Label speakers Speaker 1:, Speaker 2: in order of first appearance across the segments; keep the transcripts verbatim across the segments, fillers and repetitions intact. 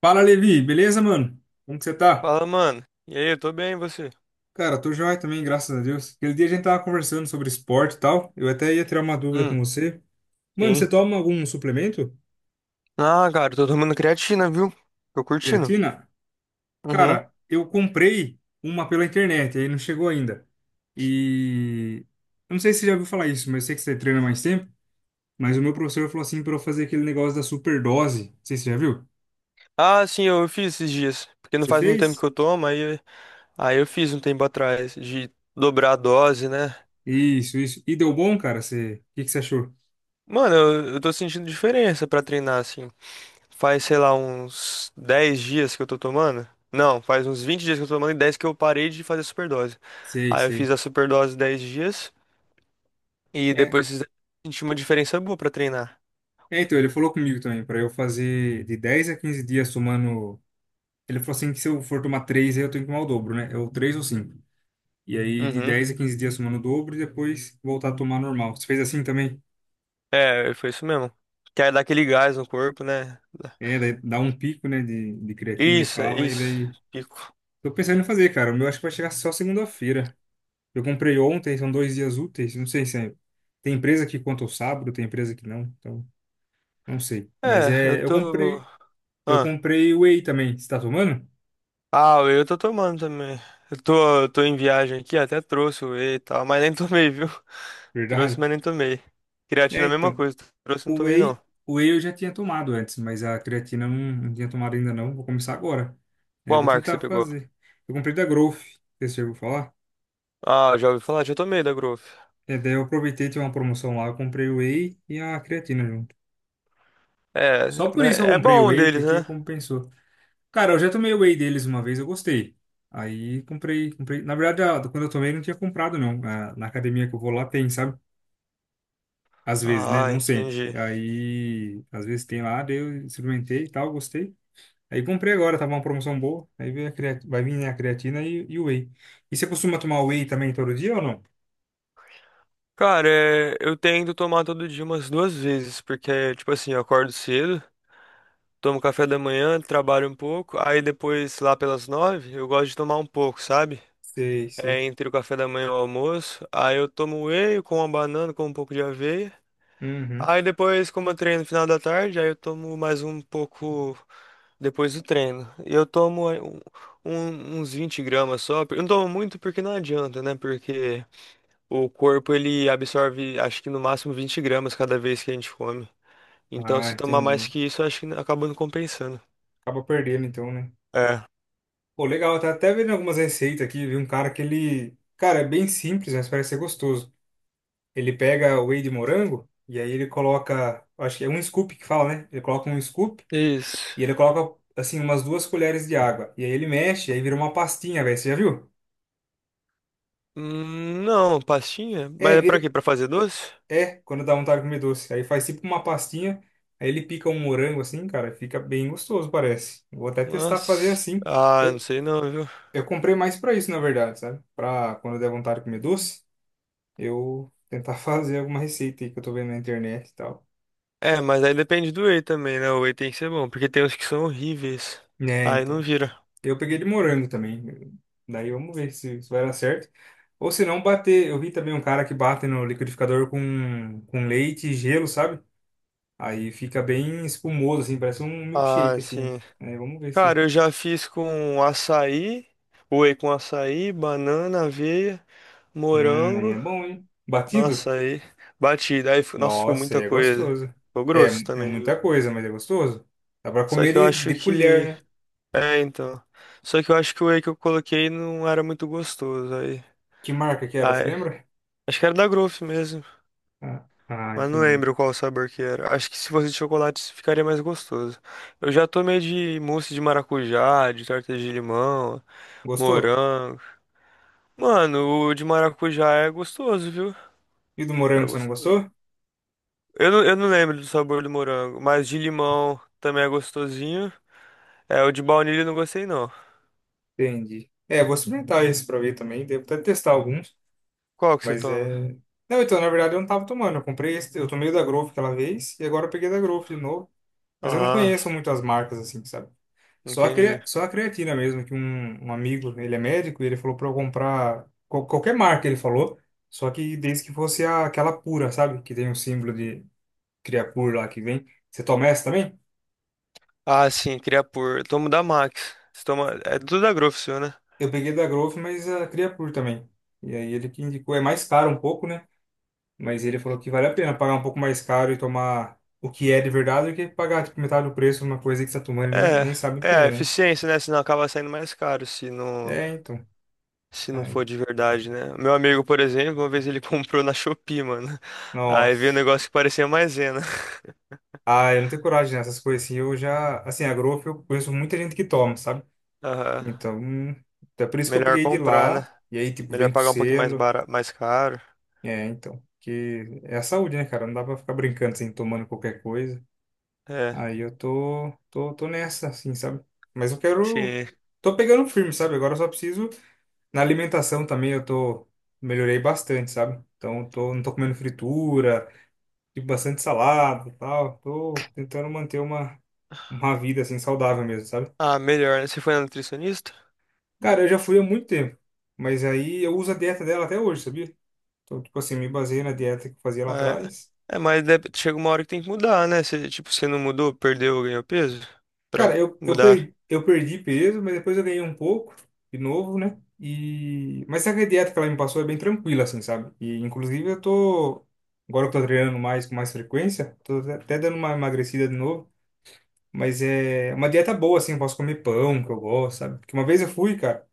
Speaker 1: Fala, Levi, beleza, mano? Como que você tá?
Speaker 2: Fala, mano. E aí, eu tô bem, e você?
Speaker 1: Cara, tô joia também, graças a Deus. Aquele dia a gente tava conversando sobre esporte e tal. Eu até ia tirar uma dúvida
Speaker 2: Hum,
Speaker 1: com você. Mano,
Speaker 2: sim.
Speaker 1: você toma algum suplemento?
Speaker 2: Ah, cara, eu tô tomando creatina, viu? Tô curtindo.
Speaker 1: Creatina?
Speaker 2: Uhum.
Speaker 1: Cara, eu comprei uma pela internet, aí não chegou ainda. E eu não sei se você já ouviu falar isso, mas eu sei que você treina mais tempo. Mas o meu professor falou assim pra eu fazer aquele negócio da superdose. Não sei se você já viu.
Speaker 2: Ah, sim, eu fiz esses dias. Porque não
Speaker 1: Você
Speaker 2: faz muito tempo
Speaker 1: fez?
Speaker 2: que eu tomo, aí, aí eu fiz um tempo atrás de dobrar a dose, né?
Speaker 1: Isso, isso. E deu bom, cara? Você... O que que você achou?
Speaker 2: Mano, eu, eu tô sentindo diferença pra treinar, assim. Faz, sei lá, uns dez dias que eu tô tomando. Não, faz uns vinte dias que eu tô tomando e dez que eu parei de fazer superdose.
Speaker 1: Sei,
Speaker 2: Aí eu
Speaker 1: sei.
Speaker 2: fiz a superdose dez dias e depois senti uma diferença boa pra treinar.
Speaker 1: É, então, ele falou comigo também, para eu fazer de dez a quinze dias tomando. Ele falou assim que se eu for tomar três aí eu tenho que tomar o dobro, né? É o três ou cinco. E aí, de
Speaker 2: Uhum.
Speaker 1: dez a quinze dias tomando o dobro e depois voltar a tomar normal. Você fez assim também?
Speaker 2: É, foi isso mesmo. Quer dar aquele gás no corpo, né?
Speaker 1: É, daí dá um pico, né, de, de creatina, ele
Speaker 2: Isso, é
Speaker 1: fala, e
Speaker 2: isso.
Speaker 1: daí.
Speaker 2: Pico.
Speaker 1: Tô pensando em fazer, cara. O meu acho que vai chegar só segunda-feira. Eu comprei ontem, são dois dias úteis. Não sei se é. Tem empresa que conta o sábado, tem empresa que não. Então, não sei. Mas
Speaker 2: É, eu
Speaker 1: é. Eu
Speaker 2: tô.
Speaker 1: comprei. Eu
Speaker 2: Ah,
Speaker 1: comprei whey também. Você tá tomando?
Speaker 2: ah, o whey eu tô tomando também. Eu tô, eu tô em viagem aqui, até trouxe o whey e tal, mas nem tomei, viu? Trouxe,
Speaker 1: Verdade.
Speaker 2: mas nem tomei. Creatina
Speaker 1: É,
Speaker 2: é a mesma
Speaker 1: então.
Speaker 2: coisa, trouxe, não
Speaker 1: O
Speaker 2: tomei não.
Speaker 1: whey, o whey eu já tinha tomado antes, mas a creatina eu não, não tinha tomado ainda não. Vou começar agora. É, eu
Speaker 2: Qual
Speaker 1: vou
Speaker 2: marca você
Speaker 1: tentar
Speaker 2: pegou?
Speaker 1: fazer. Eu comprei da Growth, que você ouviu falar?
Speaker 2: Ah, já ouvi falar, já tomei da Growth.
Speaker 1: É, daí eu aproveitei, tinha uma promoção lá, eu comprei o whey e a creatina junto.
Speaker 2: É,
Speaker 1: Só por
Speaker 2: mas
Speaker 1: isso que eu
Speaker 2: é
Speaker 1: comprei o
Speaker 2: bom um
Speaker 1: whey,
Speaker 2: deles,
Speaker 1: porque
Speaker 2: né?
Speaker 1: compensou. Cara, eu já tomei o whey deles uma vez, eu gostei. Aí comprei, comprei. Na verdade, a- quando eu tomei, não tinha comprado não. A- Na academia que eu vou lá tem, sabe? Às vezes, né?
Speaker 2: Ah,
Speaker 1: Não sempre. E
Speaker 2: entendi.
Speaker 1: aí, às vezes tem lá, daí eu experimentei e tal, gostei. Aí comprei agora, tava uma promoção boa. Aí veio a creat... vai vir, né, a creatina e, e o whey. E você costuma tomar whey também todo dia ou não?
Speaker 2: Cara, é, eu tento tomar todo dia umas duas vezes, porque, tipo assim, eu acordo cedo. Tomo café da manhã, trabalho um pouco, aí depois, lá pelas nove, eu gosto de tomar um pouco, sabe?
Speaker 1: Sei, sei.
Speaker 2: É entre o café da manhã e o almoço. Aí eu tomo whey com uma banana, com um pouco de aveia.
Speaker 1: Uhum.
Speaker 2: Aí depois, como eu treino no final da tarde, aí eu tomo mais um pouco depois do treino. E eu tomo é, um- um- uns vinte gramas só. Eu não tomo muito porque não adianta, né? Porque o corpo ele absorve, acho que no máximo vinte gramas cada vez que a gente come. Então,
Speaker 1: Ah,
Speaker 2: se tomar mais
Speaker 1: entendi.
Speaker 2: que isso, acho que acaba não compensando.
Speaker 1: Acaba perdendo então, né?
Speaker 2: É.
Speaker 1: Pô, legal, tá até vendo algumas receitas aqui. Vi um cara que ele. Cara, é bem simples, mas parece ser gostoso. Ele pega o whey de morango e aí ele coloca. Acho que é um scoop que fala, né? Ele coloca um scoop
Speaker 2: Isso.
Speaker 1: e ele coloca, assim, umas duas colheres de água. E aí ele mexe, aí vira uma pastinha, velho. Você já viu?
Speaker 2: Hum, Não, pastinha?
Speaker 1: É,
Speaker 2: Mas é pra
Speaker 1: vira,
Speaker 2: quê? Pra fazer doce?
Speaker 1: É, quando dá vontade de comer doce. Aí faz tipo uma pastinha, aí ele pica um morango assim, cara, fica bem gostoso, parece. Vou até testar fazer
Speaker 2: Nossa.
Speaker 1: assim.
Speaker 2: Ah, não
Speaker 1: Eu,
Speaker 2: sei não, viu?
Speaker 1: eu comprei mais pra isso, na verdade, sabe? Pra quando der vontade de comer doce, eu tentar fazer alguma receita aí que eu tô vendo na internet e tal.
Speaker 2: É, mas aí depende do whey também, né? O whey tem que ser bom, porque tem uns que são horríveis.
Speaker 1: É,
Speaker 2: Aí não
Speaker 1: então.
Speaker 2: vira.
Speaker 1: Eu peguei de morango também. Daí vamos ver se, se vai dar certo. Ou se não, bater. Eu vi também um cara que bate no liquidificador com, com leite e gelo, sabe? Aí fica bem espumoso, assim, parece um
Speaker 2: Ah,
Speaker 1: milkshake, assim.
Speaker 2: sim.
Speaker 1: Aí vamos ver
Speaker 2: Cara,
Speaker 1: se.
Speaker 2: eu já fiz com açaí, whey com açaí, banana, aveia,
Speaker 1: Hum, aí
Speaker 2: morango.
Speaker 1: é bom, hein? Batido?
Speaker 2: Nossa, aí batida. Aí, fi- nossa, ficou
Speaker 1: Nossa, aí
Speaker 2: muita
Speaker 1: é
Speaker 2: coisa.
Speaker 1: gostoso.
Speaker 2: Ficou
Speaker 1: É,
Speaker 2: grosso
Speaker 1: é
Speaker 2: também, viu?
Speaker 1: muita coisa, mas é gostoso. Dá pra
Speaker 2: Só
Speaker 1: comer
Speaker 2: que eu
Speaker 1: de,
Speaker 2: acho
Speaker 1: de colher,
Speaker 2: que.
Speaker 1: né?
Speaker 2: É, então. Só que eu acho que o whey que eu coloquei não era muito gostoso. Aí.
Speaker 1: Que marca que era, você
Speaker 2: Ai,
Speaker 1: lembra?
Speaker 2: acho que era da Growth mesmo,
Speaker 1: Ah, ah,
Speaker 2: mas não
Speaker 1: entendi.
Speaker 2: lembro qual sabor que era. Acho que se fosse de chocolate ficaria mais gostoso. Eu já tomei de mousse de maracujá, de torta de limão,
Speaker 1: Gostou?
Speaker 2: morango. Mano, o de maracujá é gostoso, viu?
Speaker 1: E do
Speaker 2: É
Speaker 1: morango você não
Speaker 2: gostoso.
Speaker 1: gostou?
Speaker 2: Eu não, eu não lembro do sabor do morango, mas de limão também é gostosinho. É, o de baunilha eu não gostei não.
Speaker 1: Entendi. É, vou experimentar esse pra ver também. Devo até testar alguns,
Speaker 2: Qual que você
Speaker 1: mas
Speaker 2: toma?
Speaker 1: é. Não, então, na verdade, eu não tava tomando. Eu comprei esse, eu tomei o da Growth aquela vez e agora eu peguei da Growth de novo. Mas eu não conheço
Speaker 2: Ah,
Speaker 1: muito as marcas, assim, sabe? Só a,
Speaker 2: entendi.
Speaker 1: crea- só a creatina mesmo, que um, um amigo, ele é médico, e ele falou pra eu comprar qual- qualquer marca, ele falou, só que desde que fosse a- aquela pura, sabe? Que tem um símbolo de Creapure lá que vem. Você toma essa também?
Speaker 2: Ah, sim, queria por. Eu tomo da Max. Você toma... É tudo da Growth, seu, né?
Speaker 1: Eu peguei da Growth, mas a Creapure também. E aí ele que indicou, é mais caro um pouco, né? Mas ele falou que vale a pena pagar um pouco mais caro e tomar o que é de verdade do que pagar tipo, metade do preço numa coisa que você tá tomando e nem,
Speaker 2: É,
Speaker 1: nem sabe o
Speaker 2: é
Speaker 1: que
Speaker 2: a
Speaker 1: é, né?
Speaker 2: eficiência, né? Senão acaba saindo mais caro se não,
Speaker 1: É, então.
Speaker 2: se não for
Speaker 1: Aí.
Speaker 2: de verdade, né? Meu amigo, por exemplo, uma vez ele comprou na Shopee, mano. Aí veio um
Speaker 1: Nossa.
Speaker 2: negócio que parecia maisena.
Speaker 1: Ah, eu não tenho coragem nessas coisas assim. Eu já, assim, a Growth eu conheço muita gente que toma, sabe?
Speaker 2: Aham.
Speaker 1: Então, então é por isso que eu
Speaker 2: Melhor
Speaker 1: peguei de
Speaker 2: comprar, né?
Speaker 1: lá. E aí, tipo,
Speaker 2: Melhor
Speaker 1: vem com
Speaker 2: pagar um pouquinho mais
Speaker 1: selo.
Speaker 2: bara, mais caro.
Speaker 1: É, então. Que é a saúde, né, cara? Não dá pra ficar brincando assim, tomando qualquer coisa.
Speaker 2: É,
Speaker 1: Aí eu tô, tô, tô nessa, assim, sabe? Mas eu quero.
Speaker 2: se...
Speaker 1: Tô pegando firme, sabe? Agora eu só preciso. Na alimentação também eu tô. Melhorei bastante, sabe? Então, eu tô, não tô comendo fritura. Tipo bastante salada e tal. Tô tentando manter uma, uma vida assim saudável mesmo, sabe?
Speaker 2: Ah, melhor, né? Você foi na nutricionista?
Speaker 1: Cara, eu já fui há muito tempo, mas aí eu uso a dieta dela até hoje, sabia? Então, tipo assim, me baseei na dieta que eu fazia lá
Speaker 2: Ah,
Speaker 1: atrás.
Speaker 2: É, é mas deve- chega uma hora que tem que mudar, né? Se, tipo, você não mudou, perdeu, ganhou peso? Pra
Speaker 1: Cara, eu, eu
Speaker 2: mudar.
Speaker 1: perdi, eu perdi peso, mas depois eu ganhei um pouco, de novo, né? E... Mas sabe que a dieta que ela me passou é bem tranquila, assim, sabe? E, inclusive, eu tô... agora que eu tô treinando mais, com mais frequência, tô até até dando uma emagrecida de novo. Mas é uma dieta boa, assim, eu posso comer pão, que eu gosto, sabe? Porque uma vez eu fui, cara,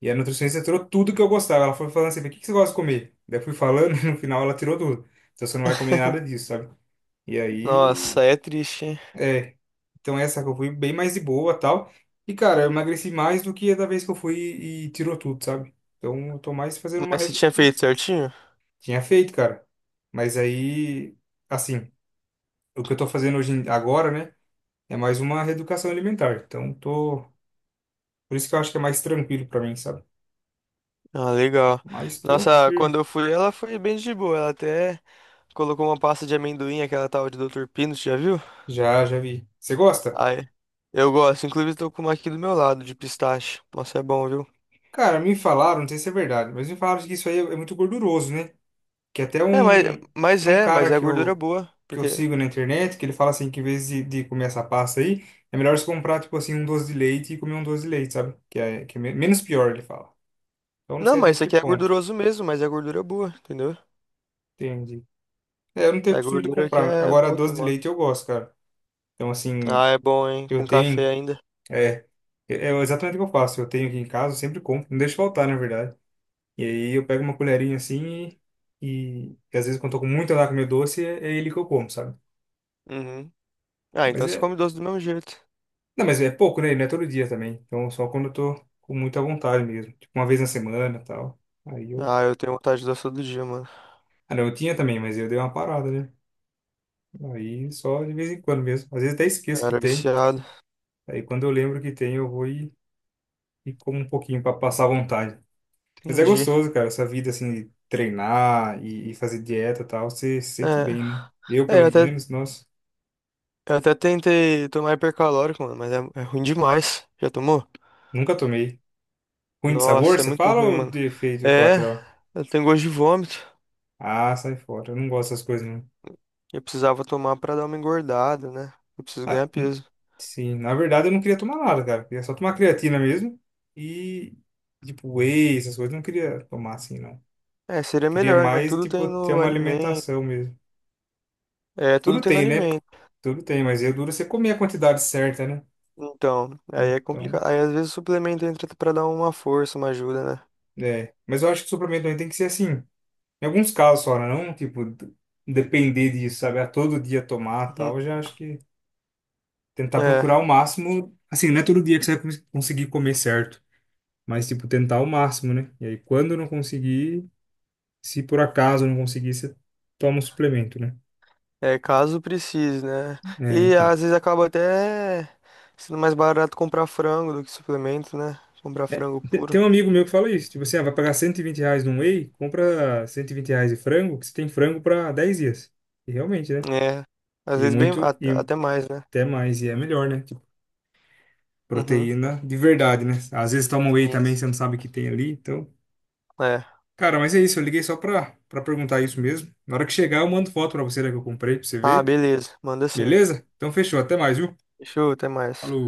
Speaker 1: e a nutricionista tirou tudo que eu gostava. Ela foi falando assim, o que que você gosta de comer? Daí eu fui falando e no final ela tirou tudo. Então você não vai comer nada disso, sabe? E aí,
Speaker 2: Nossa, é triste, hein?
Speaker 1: é. Então essa que eu fui bem mais de boa, tal. E, cara, eu emagreci mais do que a da vez que eu fui e tirou tudo, sabe? Então eu tô mais fazendo uma...
Speaker 2: Mas você
Speaker 1: re-
Speaker 2: tinha feito certinho?
Speaker 1: Tinha feito, cara. Mas aí, assim, o que eu tô fazendo hoje, em- agora, né? É mais uma reeducação alimentar. Então tô... Por isso que eu acho que é mais tranquilo pra mim, sabe?
Speaker 2: Ah, legal.
Speaker 1: Mas tô
Speaker 2: Nossa, quando
Speaker 1: firme.
Speaker 2: eu fui, ela foi bem de boa. Ela até colocou uma pasta de amendoim, aquela tal de doutor Pino, você já viu?
Speaker 1: Já, já vi. Você gosta?
Speaker 2: Aí, eu gosto. Inclusive, tô com uma aqui do meu lado, de pistache. Nossa, é bom, viu?
Speaker 1: Cara, me falaram, não sei se é verdade, mas me falaram que isso aí é é muito gorduroso, né? Que até
Speaker 2: É, mas,
Speaker 1: um,
Speaker 2: mas
Speaker 1: tem um
Speaker 2: é, mas
Speaker 1: cara
Speaker 2: é
Speaker 1: que
Speaker 2: gordura
Speaker 1: eu,
Speaker 2: boa.
Speaker 1: que eu
Speaker 2: Porque.
Speaker 1: sigo na internet, que ele fala assim que em vez de, de comer essa pasta aí, é melhor você comprar, tipo assim, um doce de leite e comer um doce de leite, sabe? Que é, que é me- menos pior, ele fala. Então não
Speaker 2: Não,
Speaker 1: sei até
Speaker 2: mas isso
Speaker 1: que
Speaker 2: aqui é
Speaker 1: ponto.
Speaker 2: gorduroso mesmo, mas é gordura boa, entendeu?
Speaker 1: Entendi. É, eu não tenho
Speaker 2: É
Speaker 1: costume de
Speaker 2: gordura que
Speaker 1: comprar.
Speaker 2: é
Speaker 1: Agora,
Speaker 2: boa
Speaker 1: doce de
Speaker 2: tomar.
Speaker 1: leite eu gosto, cara. Então, assim,
Speaker 2: Ah, é bom, hein?
Speaker 1: eu
Speaker 2: Com café
Speaker 1: tenho
Speaker 2: ainda.
Speaker 1: É, é é exatamente o que eu faço. Eu tenho aqui em casa, eu sempre compro, não deixo faltar, na verdade. E aí eu pego uma colherinha assim e, e, às vezes quando eu tô com muita lá com meu doce, é, é ele que eu como, sabe?
Speaker 2: Uhum. Ah, então
Speaker 1: Mas
Speaker 2: você
Speaker 1: é,
Speaker 2: come doce do mesmo jeito.
Speaker 1: não, mas é pouco, né? Não é todo dia também. Então só quando eu tô com muita vontade mesmo, tipo uma vez na semana, e tal. Aí eu,
Speaker 2: Ah, eu tenho vontade de doce todo dia, mano.
Speaker 1: ah, não, eu tinha também, mas eu dei uma parada, né? Aí só de vez em quando mesmo. Às vezes até
Speaker 2: Eu
Speaker 1: esqueço que
Speaker 2: era
Speaker 1: tem.
Speaker 2: viciado.
Speaker 1: Aí quando eu lembro que tem, eu vou e, e, como um pouquinho para passar a vontade. Mas é
Speaker 2: Entendi.
Speaker 1: gostoso, cara, essa vida assim de treinar e, e fazer dieta e tal, você se sente
Speaker 2: É.
Speaker 1: bem, né? Eu,
Speaker 2: É, eu
Speaker 1: pelo
Speaker 2: até
Speaker 1: menos, nossa,
Speaker 2: Eu até tentei tomar hipercalórico, mano, mas é, é ruim demais. Já tomou?
Speaker 1: nunca tomei. Ruim de sabor,
Speaker 2: Nossa, é
Speaker 1: você
Speaker 2: muito
Speaker 1: fala
Speaker 2: ruim,
Speaker 1: ou
Speaker 2: mano.
Speaker 1: de efeito
Speaker 2: É,
Speaker 1: colateral?
Speaker 2: eu tenho gosto de vômito.
Speaker 1: Ah, sai fora, eu não gosto dessas coisas, não.
Speaker 2: Eu precisava tomar pra dar uma engordada, né? Eu preciso
Speaker 1: Ah,
Speaker 2: ganhar
Speaker 1: n-
Speaker 2: peso.
Speaker 1: sim, na verdade eu não queria tomar nada, cara, eu queria só tomar creatina mesmo e, tipo, whey, essas coisas, eu não queria tomar assim, não.
Speaker 2: É, seria
Speaker 1: Queria
Speaker 2: melhor, né?
Speaker 1: mais,
Speaker 2: Tudo
Speaker 1: tipo,
Speaker 2: tem
Speaker 1: ter
Speaker 2: no
Speaker 1: uma
Speaker 2: alimento.
Speaker 1: alimentação mesmo.
Speaker 2: É, tudo
Speaker 1: Tudo
Speaker 2: tem no
Speaker 1: tem, né?
Speaker 2: alimento.
Speaker 1: Tudo tem, mas é duro é você comer a quantidade certa, né?
Speaker 2: Então, aí é
Speaker 1: Então.
Speaker 2: complicado. Aí às vezes o suplemento entra pra dar uma força, uma ajuda, né?
Speaker 1: É, mas eu acho que o suplemento também tem que ser assim. Em alguns casos só, né? Não, tipo, d- depender disso, sabe? A todo dia tomar
Speaker 2: Uhum.
Speaker 1: tal. Eu já acho que tentar
Speaker 2: É,
Speaker 1: procurar o máximo. Assim, não é todo dia que você vai cons- conseguir comer certo, mas, tipo, tentar o máximo, né? E aí, quando não conseguir, se por acaso não conseguir, você toma um suplemento, né?
Speaker 2: é caso precise, né?
Speaker 1: É,
Speaker 2: E
Speaker 1: então.
Speaker 2: às vezes acaba até sendo mais barato comprar frango do que suplemento, né? Comprar
Speaker 1: É,
Speaker 2: frango
Speaker 1: te-
Speaker 2: puro.
Speaker 1: tem um amigo meu que fala isso. Tipo assim, ah, vai pagar cento e vinte reais num whey, compra cento e vinte reais de frango, que você tem frango para dez dias. E realmente, né?
Speaker 2: É, às
Speaker 1: E
Speaker 2: vezes bem,
Speaker 1: muito.
Speaker 2: a-
Speaker 1: E
Speaker 2: até mais, né?
Speaker 1: até mais. E é melhor, né?
Speaker 2: Uhum,
Speaker 1: Proteína de verdade, né? Às vezes toma whey
Speaker 2: sim,
Speaker 1: também, você
Speaker 2: sim.
Speaker 1: não sabe o que tem ali, então.
Speaker 2: É.
Speaker 1: Cara, mas é isso, eu liguei só pra, pra perguntar isso mesmo. Na hora que chegar, eu mando foto pra você, né, que eu comprei, pra você
Speaker 2: Ah,
Speaker 1: ver.
Speaker 2: beleza, manda sim.
Speaker 1: Beleza? Então fechou, até mais, viu?
Speaker 2: Show, até mais.
Speaker 1: Falou.